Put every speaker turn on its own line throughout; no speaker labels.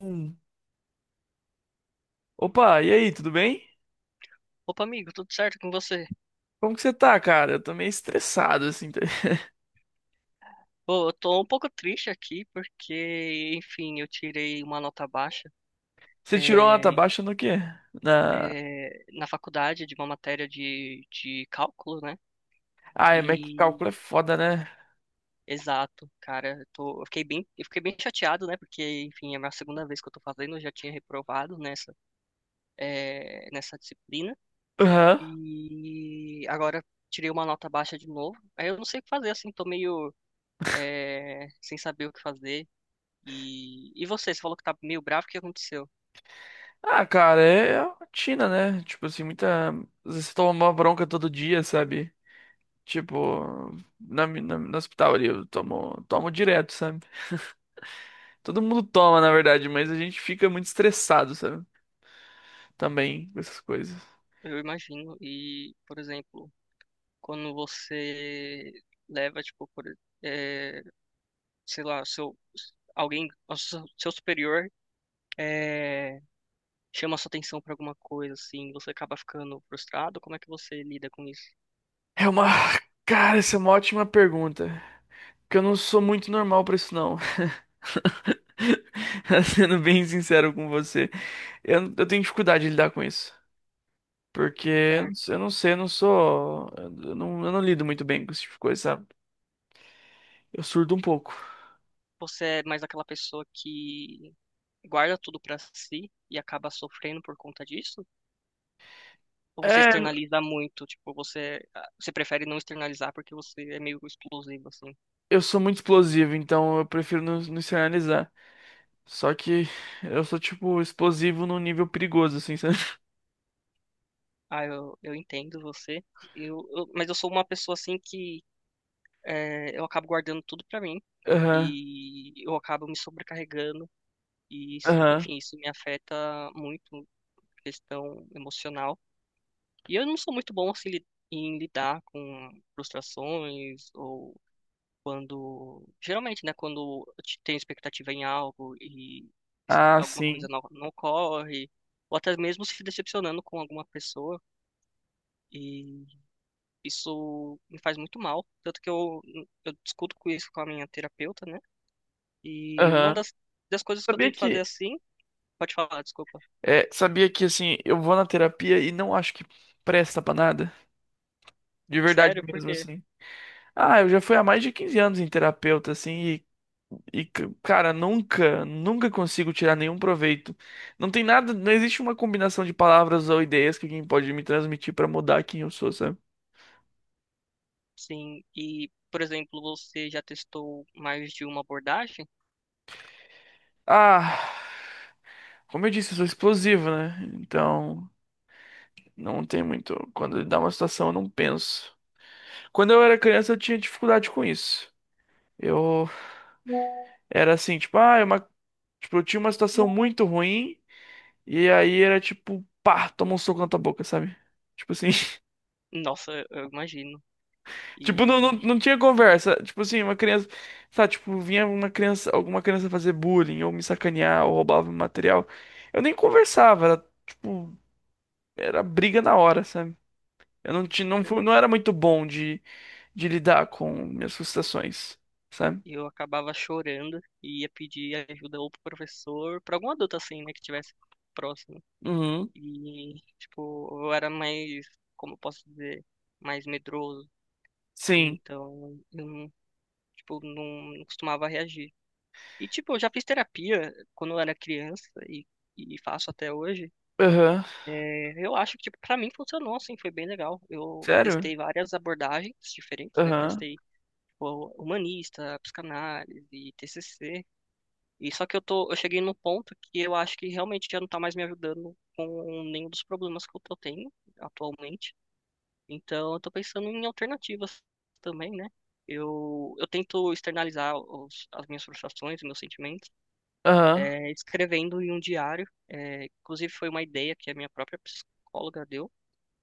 Hum. Opa, e aí, tudo bem?
Opa, amigo, tudo certo com você?
Como que você tá, cara? Eu tô meio estressado, assim.
Pô, eu tô um pouco triste aqui porque, enfim, eu tirei uma nota baixa
Você tirou uma nota
é,
baixa no quê? Na...
na faculdade de uma matéria de cálculo, né?
Ah, é, mas que
E
cálculo é foda, né?
exato, cara, eu fiquei bem chateado, né? Porque, enfim, é a minha segunda vez que eu tô fazendo, eu já tinha reprovado nessa, nessa disciplina.
Aham.
E agora tirei uma nota baixa de novo. Aí eu não sei o que fazer, assim, tô meio, sem saber o que fazer. E você, você falou que tá meio bravo, o que aconteceu?
Ah, cara, é a rotina, né? Tipo assim, muita. Às vezes você toma uma bronca todo dia, sabe? Tipo, no hospital ali, tomo direto, sabe? Todo mundo toma, na verdade, mas a gente fica muito estressado, sabe? Também, com essas coisas.
Eu imagino. E, por exemplo, quando você leva, tipo, é, sei lá, seu, alguém, o seu superior é, chama sua atenção pra alguma coisa, assim, você acaba ficando frustrado, como é que você lida com isso?
É uma. Cara, essa é uma ótima pergunta. Que eu não sou muito normal pra isso, não. Sendo bem sincero com você, eu tenho dificuldade de lidar com isso. Porque
Certo.
eu não sei, eu não sou. Eu não lido muito bem com esse tipo de coisa, sabe? Eu surdo um pouco.
Você é mais aquela pessoa que guarda tudo pra si e acaba sofrendo por conta disso? Ou você
É,
externaliza muito? Tipo, você, ah, você prefere não externalizar porque você é meio explosivo, assim?
eu sou muito explosivo, então eu prefiro não externalizar. Só que eu sou, tipo, explosivo num nível perigoso, assim, sabe?
Ah, eu entendo você. Mas eu sou uma pessoa assim que eu acabo guardando tudo pra mim
Aham,
e eu acabo me sobrecarregando e
aham.
enfim, isso me afeta muito questão emocional. E eu não sou muito bom assim em lidar com frustrações ou quando, geralmente, né, quando eu tenho expectativa em algo e
Ah,
alguma coisa
sim.
não ocorre, ou até mesmo se decepcionando com alguma pessoa. Isso me faz muito mal, tanto que eu discuto com isso com a minha terapeuta, né? E uma
Aham.
das coisas que eu
Sabia
tento fazer
que
assim, pode falar, desculpa.
É, sabia que assim, eu vou na terapia e não acho que presta pra nada. De verdade
Sério, por
mesmo,
quê?
assim. Ah, eu já fui há mais de 15 anos em terapeuta, assim, cara, nunca consigo tirar nenhum proveito. Não tem nada, não existe uma combinação de palavras ou ideias que alguém pode me transmitir pra mudar quem eu sou, sabe?
Sim, e, por exemplo, você já testou mais de uma abordagem?
Ah, como eu disse, eu sou explosivo, né? Então, não tem muito. Quando dá uma situação, eu não penso. Quando eu era criança, eu tinha dificuldade com isso. Eu era assim, tipo, tipo, eu tinha uma situação muito ruim e aí era tipo, pá, toma um soco na tua boca, sabe? Tipo assim,
Nossa, eu imagino.
tipo, não,
E
não, não tinha conversa. Tipo assim, uma criança, sabe, tipo, vinha uma criança, alguma criança fazer bullying ou me sacanear ou roubava meu material. Eu nem conversava, era tipo, era briga na hora, sabe? Eu não tinha, não fui, não era muito bom de lidar com minhas frustrações, sabe?
eu acabava chorando e ia pedir ajuda ou pro professor, pra algum adulto assim, né, que tivesse próximo.
Uhum.
E, tipo, eu era mais, como eu posso dizer, mais medroso.
Sim.
Então, eu não. Tipo, não costumava reagir. E, tipo, eu já fiz terapia quando eu era criança e faço até hoje.
Aham.
É, eu acho que, tipo, pra mim funcionou, assim, foi bem legal. Eu
Sério?
testei várias abordagens diferentes, né?
Aham.
Testei, tipo, humanista, psicanálise, TCC. E só que eu tô, eu cheguei num ponto que eu acho que realmente já não tá mais me ajudando com nenhum dos problemas que eu tô tendo atualmente. Então, eu tô pensando em alternativas também, né? Eu tento externalizar as minhas frustrações, os meus sentimentos,
Aham.
escrevendo em um diário. É, inclusive, foi uma ideia que a minha própria psicóloga deu,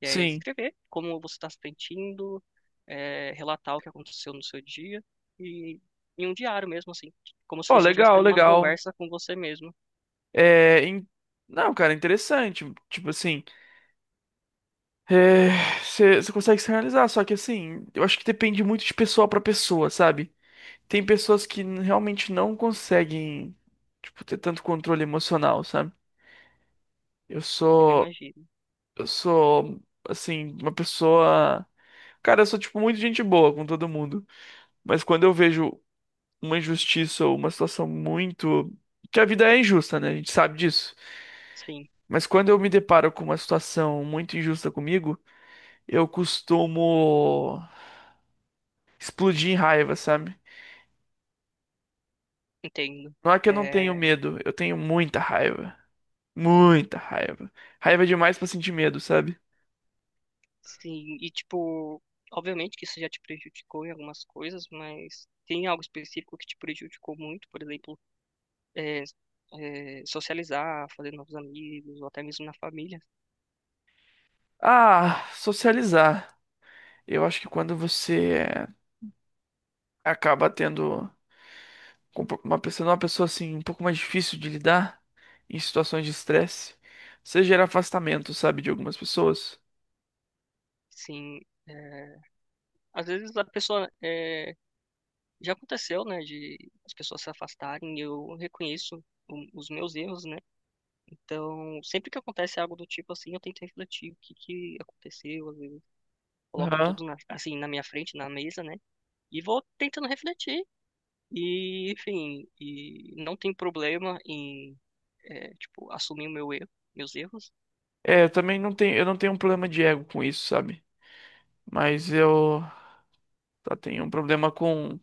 que é
Sim.
escrever como você está se sentindo, relatar o que aconteceu no seu dia, e em um diário mesmo, assim, como se
Ó,
você estivesse
legal,
tendo uma
legal.
conversa com você mesmo,
É, in- Não, cara, interessante. Tipo assim, é, você consegue se realizar, só que assim, eu acho que depende muito de pessoa pra pessoa, sabe? Tem pessoas que realmente não conseguem, tipo, ter tanto controle emocional, sabe? Eu
eu
sou,
imagino.
eu sou, assim, uma pessoa. Cara, eu sou, tipo, muito gente boa com todo mundo. Mas quando eu vejo uma injustiça ou uma situação muito. Que a vida é injusta, né? A gente sabe disso.
Sim,
Mas quando eu me deparo com uma situação muito injusta comigo, eu costumo explodir em raiva, sabe?
entendo.
Não é que eu não tenho
Eh,
medo, eu tenho muita raiva. Muita raiva. Raiva é demais pra sentir medo, sabe?
Sim, e tipo, obviamente que isso já te prejudicou em algumas coisas, mas tem algo específico que te prejudicou muito, por exemplo, é, socializar, fazer novos amigos, ou até mesmo na família.
Ah, socializar. Eu acho que quando você acaba tendo com uma pessoa assim, um pouco mais difícil de lidar em situações de estresse, você gera afastamento, sabe, de algumas pessoas.
Sim, é, às vezes a pessoa, é, já aconteceu, né, de as pessoas se afastarem, e eu reconheço os meus erros, né? Então, sempre que acontece algo do tipo assim, eu tento refletir o que que aconteceu, às vezes eu coloco
Aham.
tudo na, assim na minha frente, na mesa, né? E vou tentando refletir. E, enfim, e não tem problema em, é, tipo, assumir o meu erro, meus erros.
É, eu não tenho um problema de ego com isso, sabe? Mas eu só tenho um problema com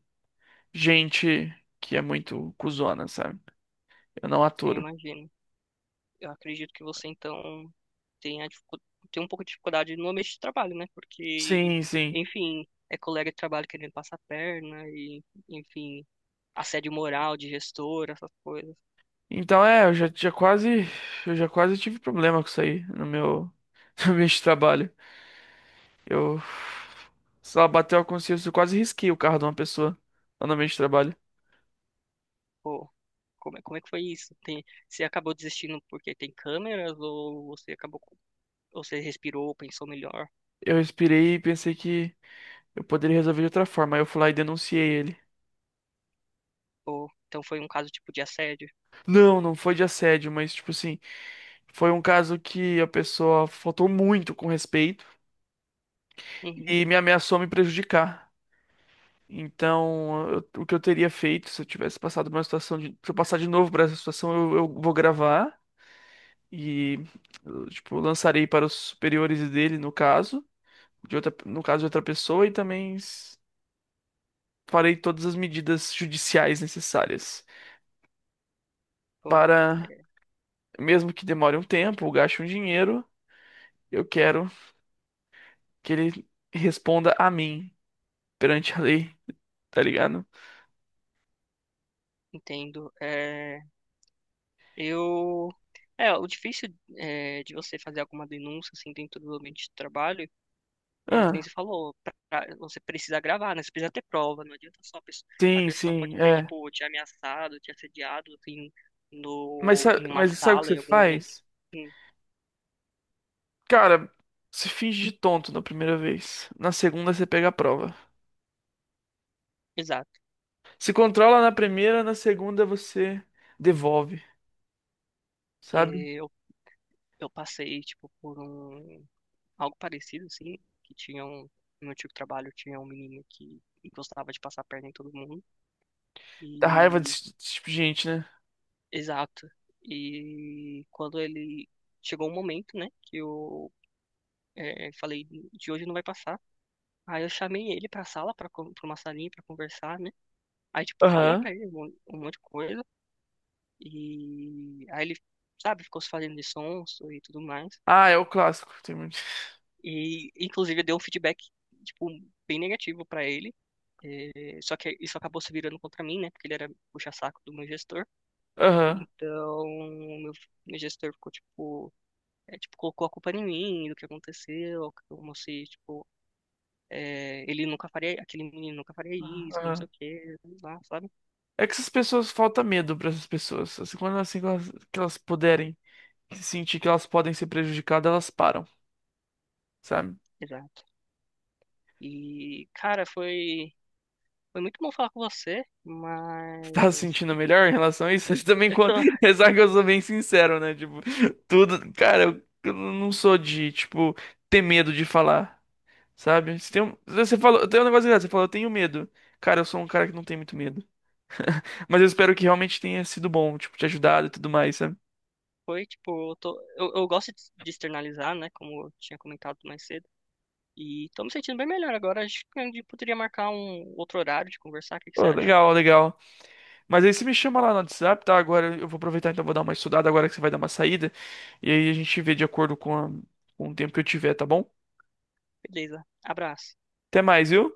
gente que é muito cuzona, sabe? Eu não
Eu
aturo.
imagino. Eu acredito que você, então, tenha, dificu- tem um pouco de dificuldade no ambiente de trabalho, né? Porque,
Sim, sim.
enfim, é colega de trabalho querendo passar a perna e, enfim, assédio moral de gestor, essas coisas.
Então é, eu já quase tive problema com isso aí no meu, no meu trabalho. Eu, sei lá, bateu a consciência, eu quase risquei o carro de uma pessoa lá no meio de trabalho.
Pô, como é que foi isso? Tem, você acabou desistindo porque tem câmeras ou você ou você respirou, pensou melhor?
Eu respirei e pensei que eu poderia resolver de outra forma. Aí eu fui lá e denunciei ele.
Ou, então foi um caso tipo de assédio?
Não, não foi de assédio, mas tipo assim, foi um caso que a pessoa faltou muito com respeito
Uhum.
e me ameaçou me prejudicar. Então, o que eu teria feito se eu tivesse passado por uma situação de, se eu passar de novo por essa situação, eu vou gravar e eu, tipo, lançarei para os superiores dele, no caso, de outra, no caso de outra pessoa, e também farei todas as medidas judiciais necessárias
Pô,
para,
é,
mesmo que demore um tempo, ou gaste um dinheiro, eu quero que ele responda a mim perante a lei, tá ligado?
entendo. É, eu. É, o difícil é, de você fazer alguma denúncia assim dentro do ambiente de trabalho é que nem
Ah,
você falou, você precisa gravar, né? Você precisa ter prova, não adianta só a
sim,
pessoa
sim,
pode ter
é.
tipo te ameaçado, te assediado assim
Mas,
no
sa-
em uma
mas sabe o que
sala,
você
em algum ambiente.
faz?
Hum,
Cara, você finge de tonto na primeira vez. Na segunda você pega a prova.
exato.
Se controla na primeira, na segunda você devolve,
É,
sabe?
eu eu passei tipo por algo parecido assim, que tinha um, no meu antigo trabalho tinha um menino que gostava de passar a perna em todo mundo
Dá raiva
e
desse tipo de gente, né?
exato. E quando ele chegou um momento, né, que eu falei de hoje não vai passar. Aí eu chamei ele pra sala, pra uma salinha pra conversar, né? Aí, tipo, eu falei
Aham.
pra ele um monte de coisa. E aí ele, sabe, ficou se fazendo de sonso e tudo mais.
Ah, é o clássico. Tem muito.
E, inclusive, eu dei um feedback, tipo, bem negativo pra ele. É, só que isso acabou se virando contra mim, né? Porque ele era puxa-saco do meu gestor.
Aham.
Então, meu, meu gestor ficou, tipo, é, tipo, colocou a culpa em mim, do que aconteceu, como se, tipo, é, ele nunca faria, aquele menino nunca faria isso, não sei
Aham.
o quê, lá, sabe?
É que essas pessoas falta medo pra essas pessoas. Assim, quando elas, assim, que elas puderem se sentir que elas podem ser prejudicadas, elas param, sabe?
Exato. E, cara, foi muito bom falar com você,
Tá se
mas
sentindo melhor em relação a isso? Também
eu
quando.
tô,
Apesar que eu sou bem sincero, né? Tipo, tudo. Cara, eu não sou de, tipo, ter medo de falar, sabe? Se tem um- Você falou, tem um negócio engraçado, você falou, eu tenho medo. Cara, eu sou um cara que não tem muito medo. Mas eu espero que realmente tenha sido bom, tipo, te ajudado e tudo mais, sabe?
foi, tipo, eu tô, eu gosto de externalizar, né, como eu tinha comentado mais cedo, e tô me sentindo bem melhor agora, acho que a gente poderia marcar um outro horário de conversar, o que que você
Pô,
acha?
legal, legal. Mas aí você me chama lá no WhatsApp, tá? Agora eu vou aproveitar, então vou dar uma estudada agora que você vai dar uma saída. E aí a gente vê de acordo com, com o tempo que eu tiver, tá bom?
Beleza, abraço.
Até mais, viu?